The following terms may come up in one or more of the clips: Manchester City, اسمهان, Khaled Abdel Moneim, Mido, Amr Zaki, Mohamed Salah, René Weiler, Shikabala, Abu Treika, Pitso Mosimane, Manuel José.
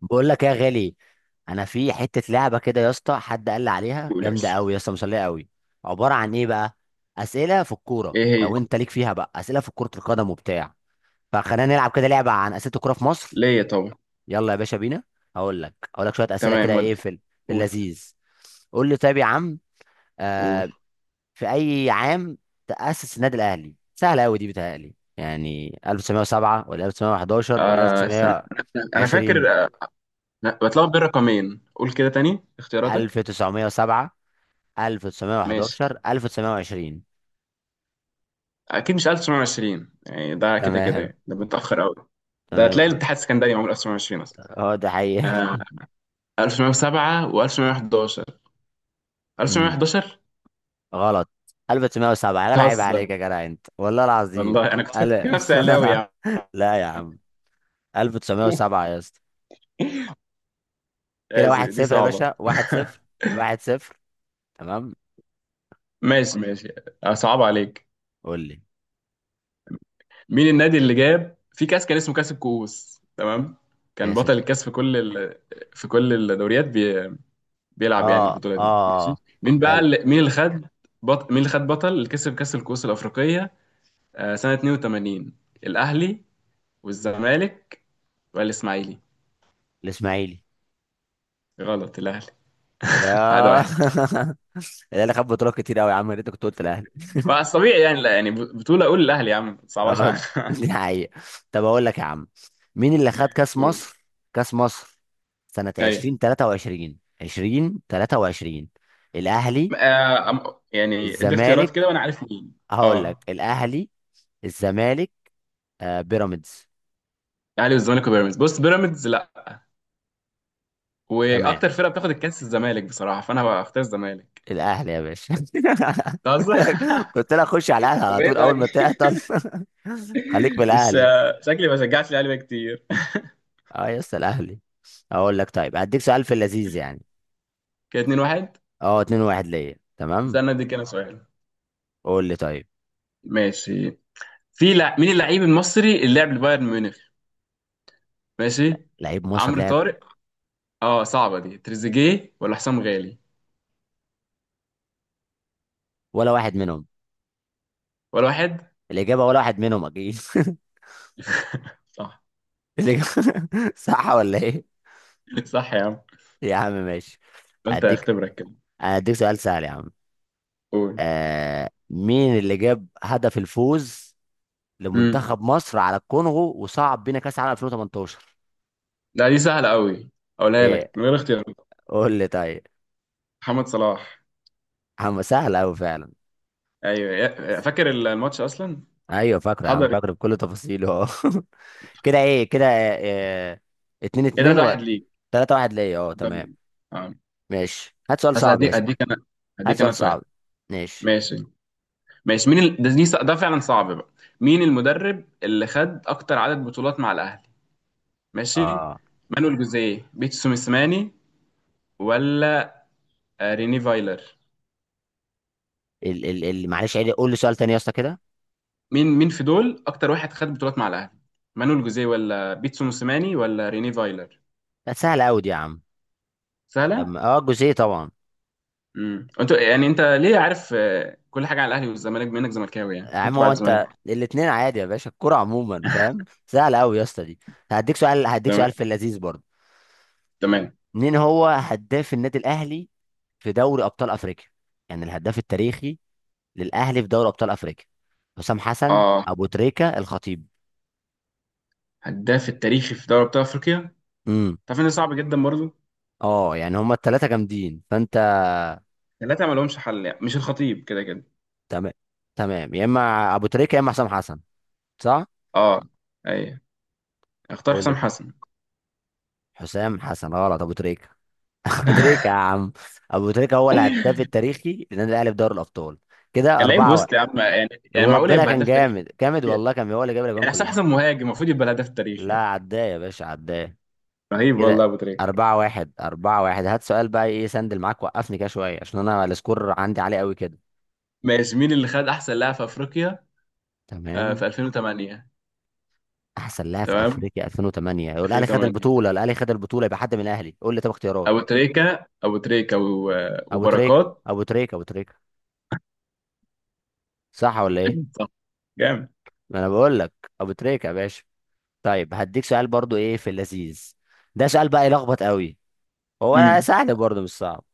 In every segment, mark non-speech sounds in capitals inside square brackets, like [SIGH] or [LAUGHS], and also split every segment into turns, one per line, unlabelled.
بقول لك إيه يا غالي؟ انا في حته لعبه كده يا اسطى، حد قال لي عليها
قول يا
جامده
باشا.
قوي يا اسطى، مسليه قوي. عباره عن ايه بقى؟ اسئله في الكوره،
ايه هي؟
لو انت ليك فيها بقى اسئله في كره القدم وبتاع، فخلينا نلعب كده لعبه عن اسئله الكوره في مصر.
ليا طبعا.
يلا يا باشا بينا. هقول لك شويه اسئله
تمام
كده.
ودي.
في
قول.
اللذيذ. قول لي طيب يا عم. آه،
قول.
في اي عام تاسس النادي الاهلي؟ سهله قوي دي، بتهيألي يعني 1907 ولا 1911 ولا
آه، استنى. انا
1920.
فاكر أنا بتلخبط بين رقمين. قول كده تاني اختياراتك.
1907،
ماشي.
1911، 1920.
اكيد مش 1920، يعني ده كده كده،
تمام.
يعني ده متاخر قوي. ده هتلاقي
تمام.
الاتحاد السكندري معمول 1920 اصلا.
هو ده حقيقة.
آه. 1907 و1911.
أمم،
1911.
[LAUGHS] غلط. 1907 يا جدع، عيب
تهزر؟
عليك يا جدع انت والله العظيم.
والله انا كنت فاكر
ألا
نفسي علاوي
[LAUGHS]
يعني.
لا يا عم،
[LAUGHS]
1907 يا اسطى. كده
آسف،
واحد
دي
صفر يا
صعبه.
باشا،
[LAUGHS]
واحد صفر، واحد صفر. تمام.
ماشي ماشي. صعب عليك.
قول لي.
مين النادي اللي جاب في كاس كان اسمه كاس الكؤوس؟ تمام. كان
كاسب.
بطل الكاس في كل الدوريات بي...
اه
بيلعب يعني البطوله
اه
دي. ماشي. مين بقى
حلو.
اللي... مين اللي خد مين اللي خد بطل اللي كسب كاس الكؤوس الافريقيه؟ آه، سنه 82. الاهلي والزمالك والاسماعيلي.
الاسماعيلي.
غلط، الاهلي. [LAUGHS] واحد
يا
واحد
[LAUGHS] الاهلي خد بطولات كتير قوي يا عم، يا ريتك كنت قلت الاهلي. [LAUGHS]
بس طبيعي يعني، لا يعني بطوله اقول الاهلي يا عم صعباش
اه [LAUGHS]
على-
دي حقيقة. طب اقول لك يا عم، مين اللي خد كاس
[LAUGHS] قول.
مصر كاس مصر سنة
ايوه.
2023، 2023. الاهلي.
يعني ادي اختيارات
الزمالك.
كده وانا عارف مين.
هقول لك
اه.
الاهلي، الزمالك، آه بيراميدز.
الاهلي والزمالك وبيراميدز، بص بيراميدز.
تمام،
واكتر فرقه بتاخد الكاس الزمالك بصراحه، فانا هختار الزمالك.
الاهلي يا باشا
أنت
[LAUGHS] قلت
قصدك؟
لك،
[LAUGHS]
قلت لك خش على الاهلي
طب
على
ايه
طول اول
طيب؟
ما
[LAUGHS]
تعطل. [LAUGHS] خليك
مش
بالاهلي.
شكلي ما شجعتش الاهلي بقى كتير.
اه يا اسطى الاهلي. اقول لك طيب، هديك سؤال في اللذيذ يعني.
كده 2-1.
اه، 2 1 ليا، تمام.
استنى اديك انا سؤال.
قول لي طيب.
ماشي. مين اللعيب المصري اللي لعب لبايرن ميونخ؟ ماشي.
لعيب مصر
عمرو
لعب.
طارق. اه، صعبه دي. تريزيجيه ولا حسام غالي
ولا واحد منهم.
ولا واحد؟
الإجابة ولا واحد منهم أكيد.
صح.
[LAUGHS] الإجابة [LAUGHS] صح ولا إيه؟
[LAUGHS] صح يا عم.
يا عم ماشي.
قلت
هديك
اختبرك كده.
هديك سؤال سهل يا عم.
قول.
مين اللي جاب هدف الفوز
امم.
لمنتخب مصر على الكونغو وصعد بينا كأس العالم 2018؟
لا دي سهله قوي، اقولها لك
إيه؟
من غير اختيارات.
قول لي طيب.
محمد صلاح.
عم سهل أوي فعلا.
ايوه، فاكر الماتش اصلا.
أيوه فاكره يا عم،
حضر.
فاكره بكل تفاصيله أه [LAUGHS] كده إيه كده، اتنين
ايه
اتنين
3
و
1 ليك.
تلاتة واحد ليا أه، تمام.
طيب. آه.
ماشي، هات سؤال
بس
صعب يا اسطى. هات
اديك انا
سؤال صعب.
سؤال.
ماشي.
ماشي ماشي. ده فعلا صعب بقى. مين المدرب اللي خد اكتر عدد بطولات مع الاهلي؟ ماشي.
اه،
مانويل جوزيه، بيتسو سوميسماني، ولا ريني فايلر؟
ال ال ال معلش عيد، قول لي سؤال تاني يا اسطى كده.
مين في دول اكتر واحد خد بطولات مع الاهلي؟ مانويل جوزيه ولا بيتسو سوميسماني ولا ريني فايلر؟
لا سهله قوي دي يا عم.
سهله.
اه الجزئيه طبعا.
انت، يعني ليه عارف كل حاجه على الاهلي والزمالك بما انك زملكاوي؟ يعني
يا عم
كنت
هو
بعرف
انت
الزمالك.
الاتنين عادي يا باشا، الكرة عموما فاهم. سهله قوي يا اسطى دي. هديك سؤال، هديك سؤال
تمام
في اللذيذ برضه.
تمام.
مين هو هداف النادي الاهلي في دوري ابطال افريقيا؟ يعني الهداف التاريخي للاهلي في دوري ابطال افريقيا؟ حسام حسن،
اه.
ابو تريكه، الخطيب.
هداف التاريخي في دوري ابطال افريقيا.
امم،
تعرف ان ده صعب جدا برضه.
اه يعني هما الثلاثه جامدين فانت.
ثلاثة ما لهمش حل يعني. مش الخطيب كده كده.
تمام. تمام، يا اما ابو تريكه يا اما حسام حسن. صح.
اه. ايوه. اختار
قول لي
حسام
تاني.
حسن.
حسام حسن غلط، ابو تريكه. [LAUGHS] ابو تريكه يا عم. ابو تريكه هو الهداف
[LAUGHS]
التاريخي للنادي الاهلي في دوري الابطال. كده
كان لعيب
اربعه واحد.
وسط يا عم، يعني معقول
وربنا
يبقى
كان
هداف تاريخي؟
جامد جامد والله، كان هو اللي جاب الاجوان
يعني حسام
كلها.
حسن مهاجم المفروض يبقى الهداف التاريخي
لا
يعني.
عداه يا باشا، عداه.
رهيب
كده
والله ابو تريكه.
أربعة واحد، أربعة واحد. هات سؤال بقى إيه سندل معاك، وقفني كده شوية عشان أنا السكور عندي عالي قوي كده.
ماشي. مين اللي خد احسن لاعب في افريقيا في
تمام.
2008؟
أحسن لاعب في
تمام.
أفريقيا 2008 يقول الأهلي خد
2008،
البطولة، الأهلي خد البطولة يبقى حد من الأهلي. قول لي طب اختيارات.
ابو تريكه، ابو تريكه،
أبو تريكة،
وبركات.
أبو تريكة، أبو تريكة. صح ولا إيه؟
[LAUGHS] صح. جامد.
ما أنا بقول لك، أبو تريكة يا باشا. طيب هديك سؤال برضو ايه في اللذيذ. ده سؤال بقى يلخبط قوي، هو
امم.
سهل برضو مش صعب.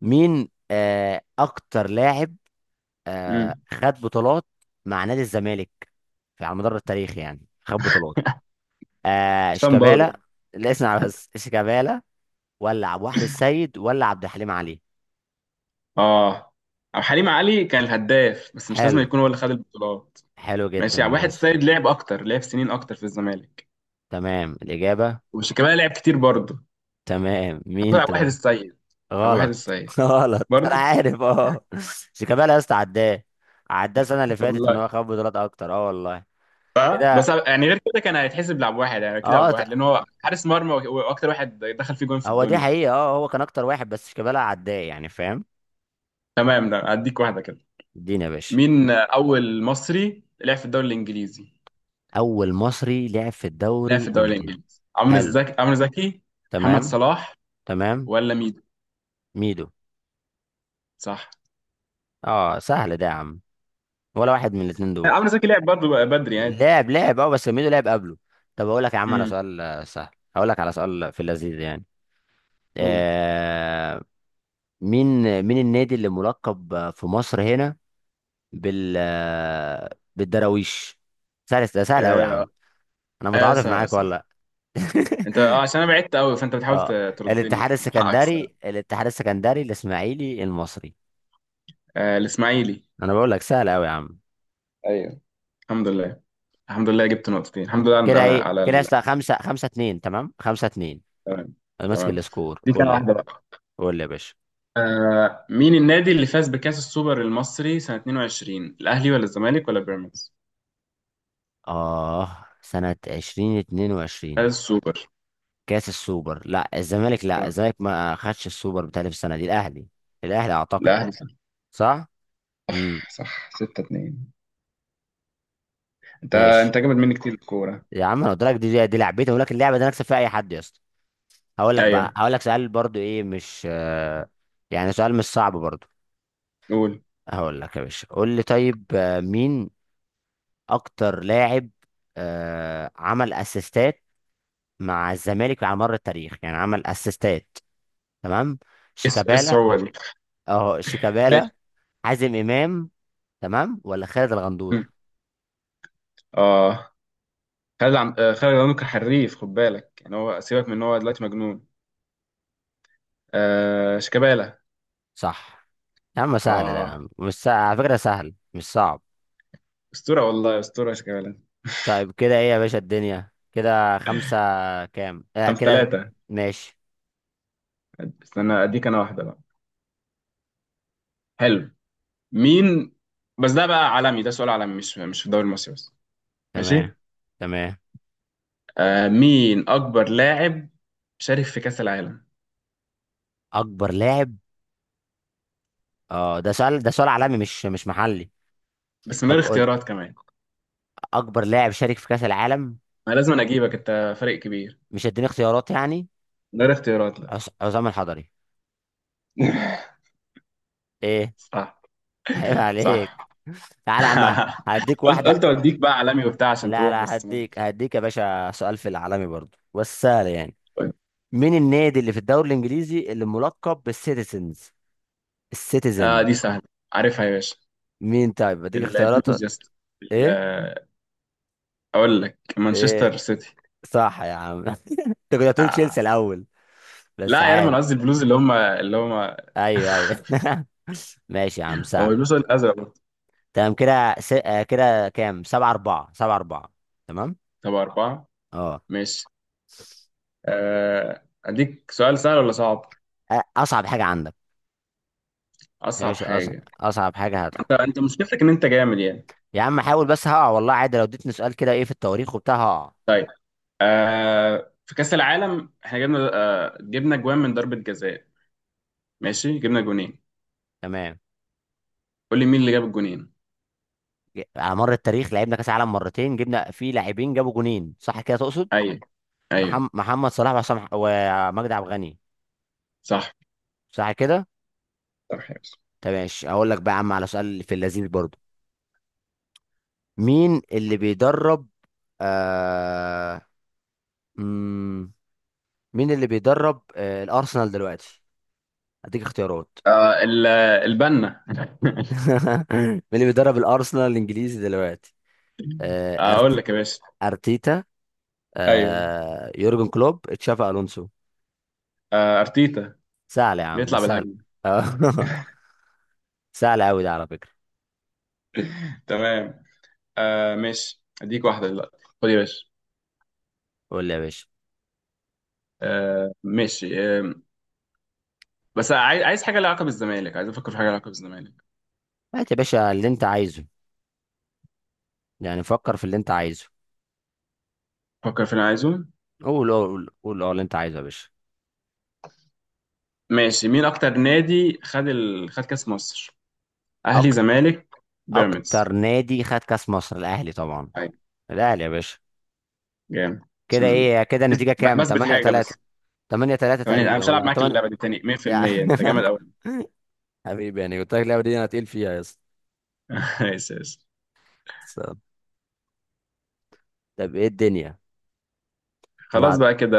مين اكتر لاعب
امم.
خد بطولات مع نادي الزمالك في على مدار التاريخ، يعني خد بطولات. آه
سان باولو.
شيكابالا، لا اسمع بس، شيكابالا ولا عبد الواحد السيد ولا عبد الحليم علي.
اه. او حليم علي كان الهداف، بس مش لازم
حلو.
يكون هو اللي خد البطولات.
حلو جدا،
ماشي، يعني واحد
ماشي.
السيد لعب اكتر، لعب سنين اكتر في الزمالك.
تمام الإجابة.
وشيكابالا لعب كتير برضه.
تمام، مين
هطلع واحد
طيب؟
السيد. او واحد
غلط
السيد
[LAUGHS] غلط، انا
برضه.
عارف اه. شيكابالا يا اسطى عداه، عداه السنه اللي فاتت ان
والله
هو خد بطولات اكتر اه والله.
صح،
كده.
بس يعني غير كده كان هيتحسب لعب واحد، يعني اكيد لعب
اه ت-
واحد لان هو حارس مرمى واكتر واحد دخل فيه جون في
هو دي
الدنيا.
حقيقه، اه هو كان اكتر واحد بس شيكابالا عداه، يعني فاهم.
تمام. ده هديك واحده كده.
اديني يا باشا.
مين اول مصري لعب في الدوري الانجليزي؟
اول مصري لعب في
لعب
الدوري
في الدوري
الانجليزي.
الانجليزي. عمرو
حلو،
زكي، عمرو زكي، محمد
تمام.
صلاح،
تمام.
ولا ميدو؟
ميدو.
صح.
اه سهل ده يا عم، ولا واحد من الاتنين دول.
عمرو زكي لعب برضه بدري عادي.
لعب، لعب اه، بس ميدو لعب قبله. طب اقول لك يا عم على
امم.
سؤال سهل. هقول لك على سؤال في اللذيذ يعني.
قول.
آه، مين، مين النادي اللي ملقب في مصر هنا بال، بالدراويش؟ سهل ده، سهل قوي يا
آه.
عم، انا
آه،
متعاطف
سهل
معاك
سهل.
والله.
انت، اه،
[LAUGHS]
عشان انا بعدت قوي فانت بتحاول
اه،
تردني
الاتحاد
حقك
السكندري،
الصراحه.
الاتحاد السكندري، الاسماعيلي، المصري.
آه، الاسماعيلي.
انا بقول لك سهل قوي يا عم.
ايوه. الحمد لله. الحمد لله جبت نقطتين. الحمد لله
كده
على
ايه
على
كده يا
ال...
اسطى؟ خمسة، خمسة اتنين، تمام خمسة اتنين.
تمام
انا ماسك
تمام.
السكور،
دي
قول
كان
لي.
واحده بقى.
قول لي يا باشا.
مين النادي اللي فاز بكاس السوبر المصري سنه 22؟ الاهلي ولا الزمالك ولا بيراميدز؟
اه، سنة عشرين، اتنين وعشرين.
فاز السوبر.
كاس السوبر، لا الزمالك، لا
نعم.
الزمالك ما خدش السوبر بتاعي في السنة دي، الاهلي. الاهلي اعتقد.
الاهلي صح.
صح. امم.
صح 6-2. انت
ماشي.
انت جامد مني كتير في الكوره.
يا عم انا قلت لك دي دي لعبتي، اقول لك اللعبه دي انا اكسب فيها اي حد يا اسطى. هقول لك بقى،
ايوه.
هقول لك سؤال برضو ايه مش يعني سؤال مش صعب برضو.
قول ايه؟
هقول لك يا باشا، قول لي طيب. مين اكتر لاعب عمل اسيستات مع الزمالك على مر التاريخ، يعني عمل اسيستات. تمام.
إيه
شيكابالا.
الصعوبه دي؟
اه شيكابالا،
ماشي.
حازم امام، تمام ولا خالد الغندور.
اه خالد عم... آه، خالد عبد المنعم كان حريف، خد بالك، يعني هو سيبك من ان هو دلوقتي مجنون. آه، شيكابالا.
صح. يا عم سهل ده يا
اه.
عم. مش سهل. على فكره سهل مش صعب.
اسطوره والله، اسطوره شيكابالا.
طيب كده ايه يا باشا الدنيا كده، خمسة كام؟
خمسة
كده.
ثلاثة
ماشي.
استنى اديك انا واحده بقى. حلو. مين؟ بس ده بقى عالمي، ده سؤال عالمي، مش في الدوري المصري بس.
تمام.
ماشي.
تمام.
مين اكبر لاعب شارك في كاس العالم؟
اكبر لاعب. اه ده سؤال، ده سؤال عالمي مش مش محلي.
بس من غير
طب قول.
اختيارات كمان.
اكبر لاعب شارك في كأس العالم.
انا لازم أنا اجيبك، انت فريق كبير.
مش هديني اختيارات يعني.
من غير اختيارات، لا.
عصام الحضري.
[LAUGHS]
ايه؟
صح.
[LAUGHS] عيب عليك.
صح.
تعالى يا عم.
[LAUGHS]
هديك
قلت
واحدة.
اوديك بقى عالمي وبتاع عشان
لا
تروح
لا،
بس ما.
هديك، هديك يا باشا سؤال في العالمي برضو بس سهل يعني. مين النادي اللي في الدوري الانجليزي اللي ملقب بالسيتيزنز،
آه،
السيتيزن؟
دي سهله، عارفها يا باشا.
مين طيب؟ اديك اختيارات.
البلوز يا اسطى.
ايه؟
ال- اقول لك
ايه؟
مانشستر سيتي.
صح يا عم [LAUGHS] انت كنت هتقول تشيلسي
آه.
الاول، بس
لا يعني انا
عادي.
قصدي البلوز، اللي هم
ايوه ايوه [LAUGHS] ماشي يا عم
هو
سهل.
البلوز الازرق برضه.
تمام. كده س... آه، كده كام؟ سبعة أربعة، سبعة أربعة. تمام.
طب اربعه.
اه.
ماشي. اديك سؤال سهل ولا صعب؟
أصعب حاجة عندك يا
اصعب
باشا. أصعب،
حاجه.
أصعب حاجة هاتها.
انت مشكلتك ان انت جامد يعني.
يا عم حاول بس هقع والله، عادي لو اديتني سؤال كده إيه في التواريخ وبتاع هقع.
طيب. في كاس العالم احنا جبنا جوان من ضربه جزاء. ماشي، جبنا جونين.
تمام.
قول لي مين اللي جاب الجونين؟
على مر التاريخ لعبنا كأس عالم مرتين، جبنا فيه لاعبين جابوا جونين، صح كده تقصد؟
ايوه. ايوه.
محمد صلاح ومجدي عبد الغني.
صح.
صح كده.
صح يا باشا.
طب ماشي، هقول لك بقى يا عم على سؤال في اللذيذ برضو. مين اللي بيدرب آه... مم... مين اللي بيدرب الارسنال دلوقتي؟ هديك اختيارات.
آه، ال- البنا.
[LAUGHS] مين اللي بيدرب الارسنال الانجليزي دلوقتي؟
[LAUGHS]
آه...
اقول
أرتي...
لك يا باشا.
ارتيتا،
ايوه.
يورجن كلوب، تشافي الونسو.
ارتيتا.
سهل يا عم ده
بيطلع
سهل.
بالهجمه.
آه، [LAUGHS] سهل قوي ده على فكره.
[LAUGHS] تمام. آه ماشي، اديك واحده دلوقتي، خد يا باشا.
قول لي يا باشا.
آه ماشي آه. بس عايز حاجه لها علاقه بالزمالك، عايز افكر في حاجه لها علاقه بالزمالك.
هات يا باشا اللي انت عايزه، يعني فكر في اللي انت عايزه.
فكر في اللي عايزه.
قول قول قول قول اللي انت عايزه يا باشا.
ماشي. مين اكتر نادي خد كاس مصر؟ اهلي، زمالك، بيراميدز؟
اكتر نادي خد كاس مصر الاهلي طبعا،
طيب.
الاهلي يا باشا.
جامد.
كده
عشان
ايه كده
بس-
النتيجه؟ كام
بثبت
8
حاجه
3.
بس.
8 3
كمان، انا
تقريبا
مش هلعب
ولا
معاك
8.
اللعبه دي تاني. 100%
يعني
انت جامد قوي.
[LAUGHS] حبيبي يعني قلت لك اللعبه دي انا تقيل فيها يا اسطى.
[LAUGHS] ماشي ماشي.
بس- طب ايه الدنيا؟ انا،
خلاص بقى كده.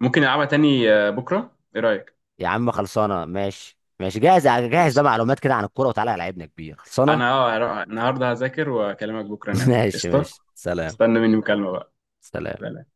ممكن نلعبها تاني بكره، ايه رايك؟
يا عم خلصانه، ماشي ماشي، جاهز جاهز
ماشي.
بقى معلومات كده عن الكوره، وتعالى لعبنا كبير، خلصانه.
انا هروح النهارده هذاكر واكلمك بكره
[LAUGHS]
نعمل
ماشي
قشطه.
ماشي سلام.
استنى مني مكالمه بقى.
سلام.
سلام.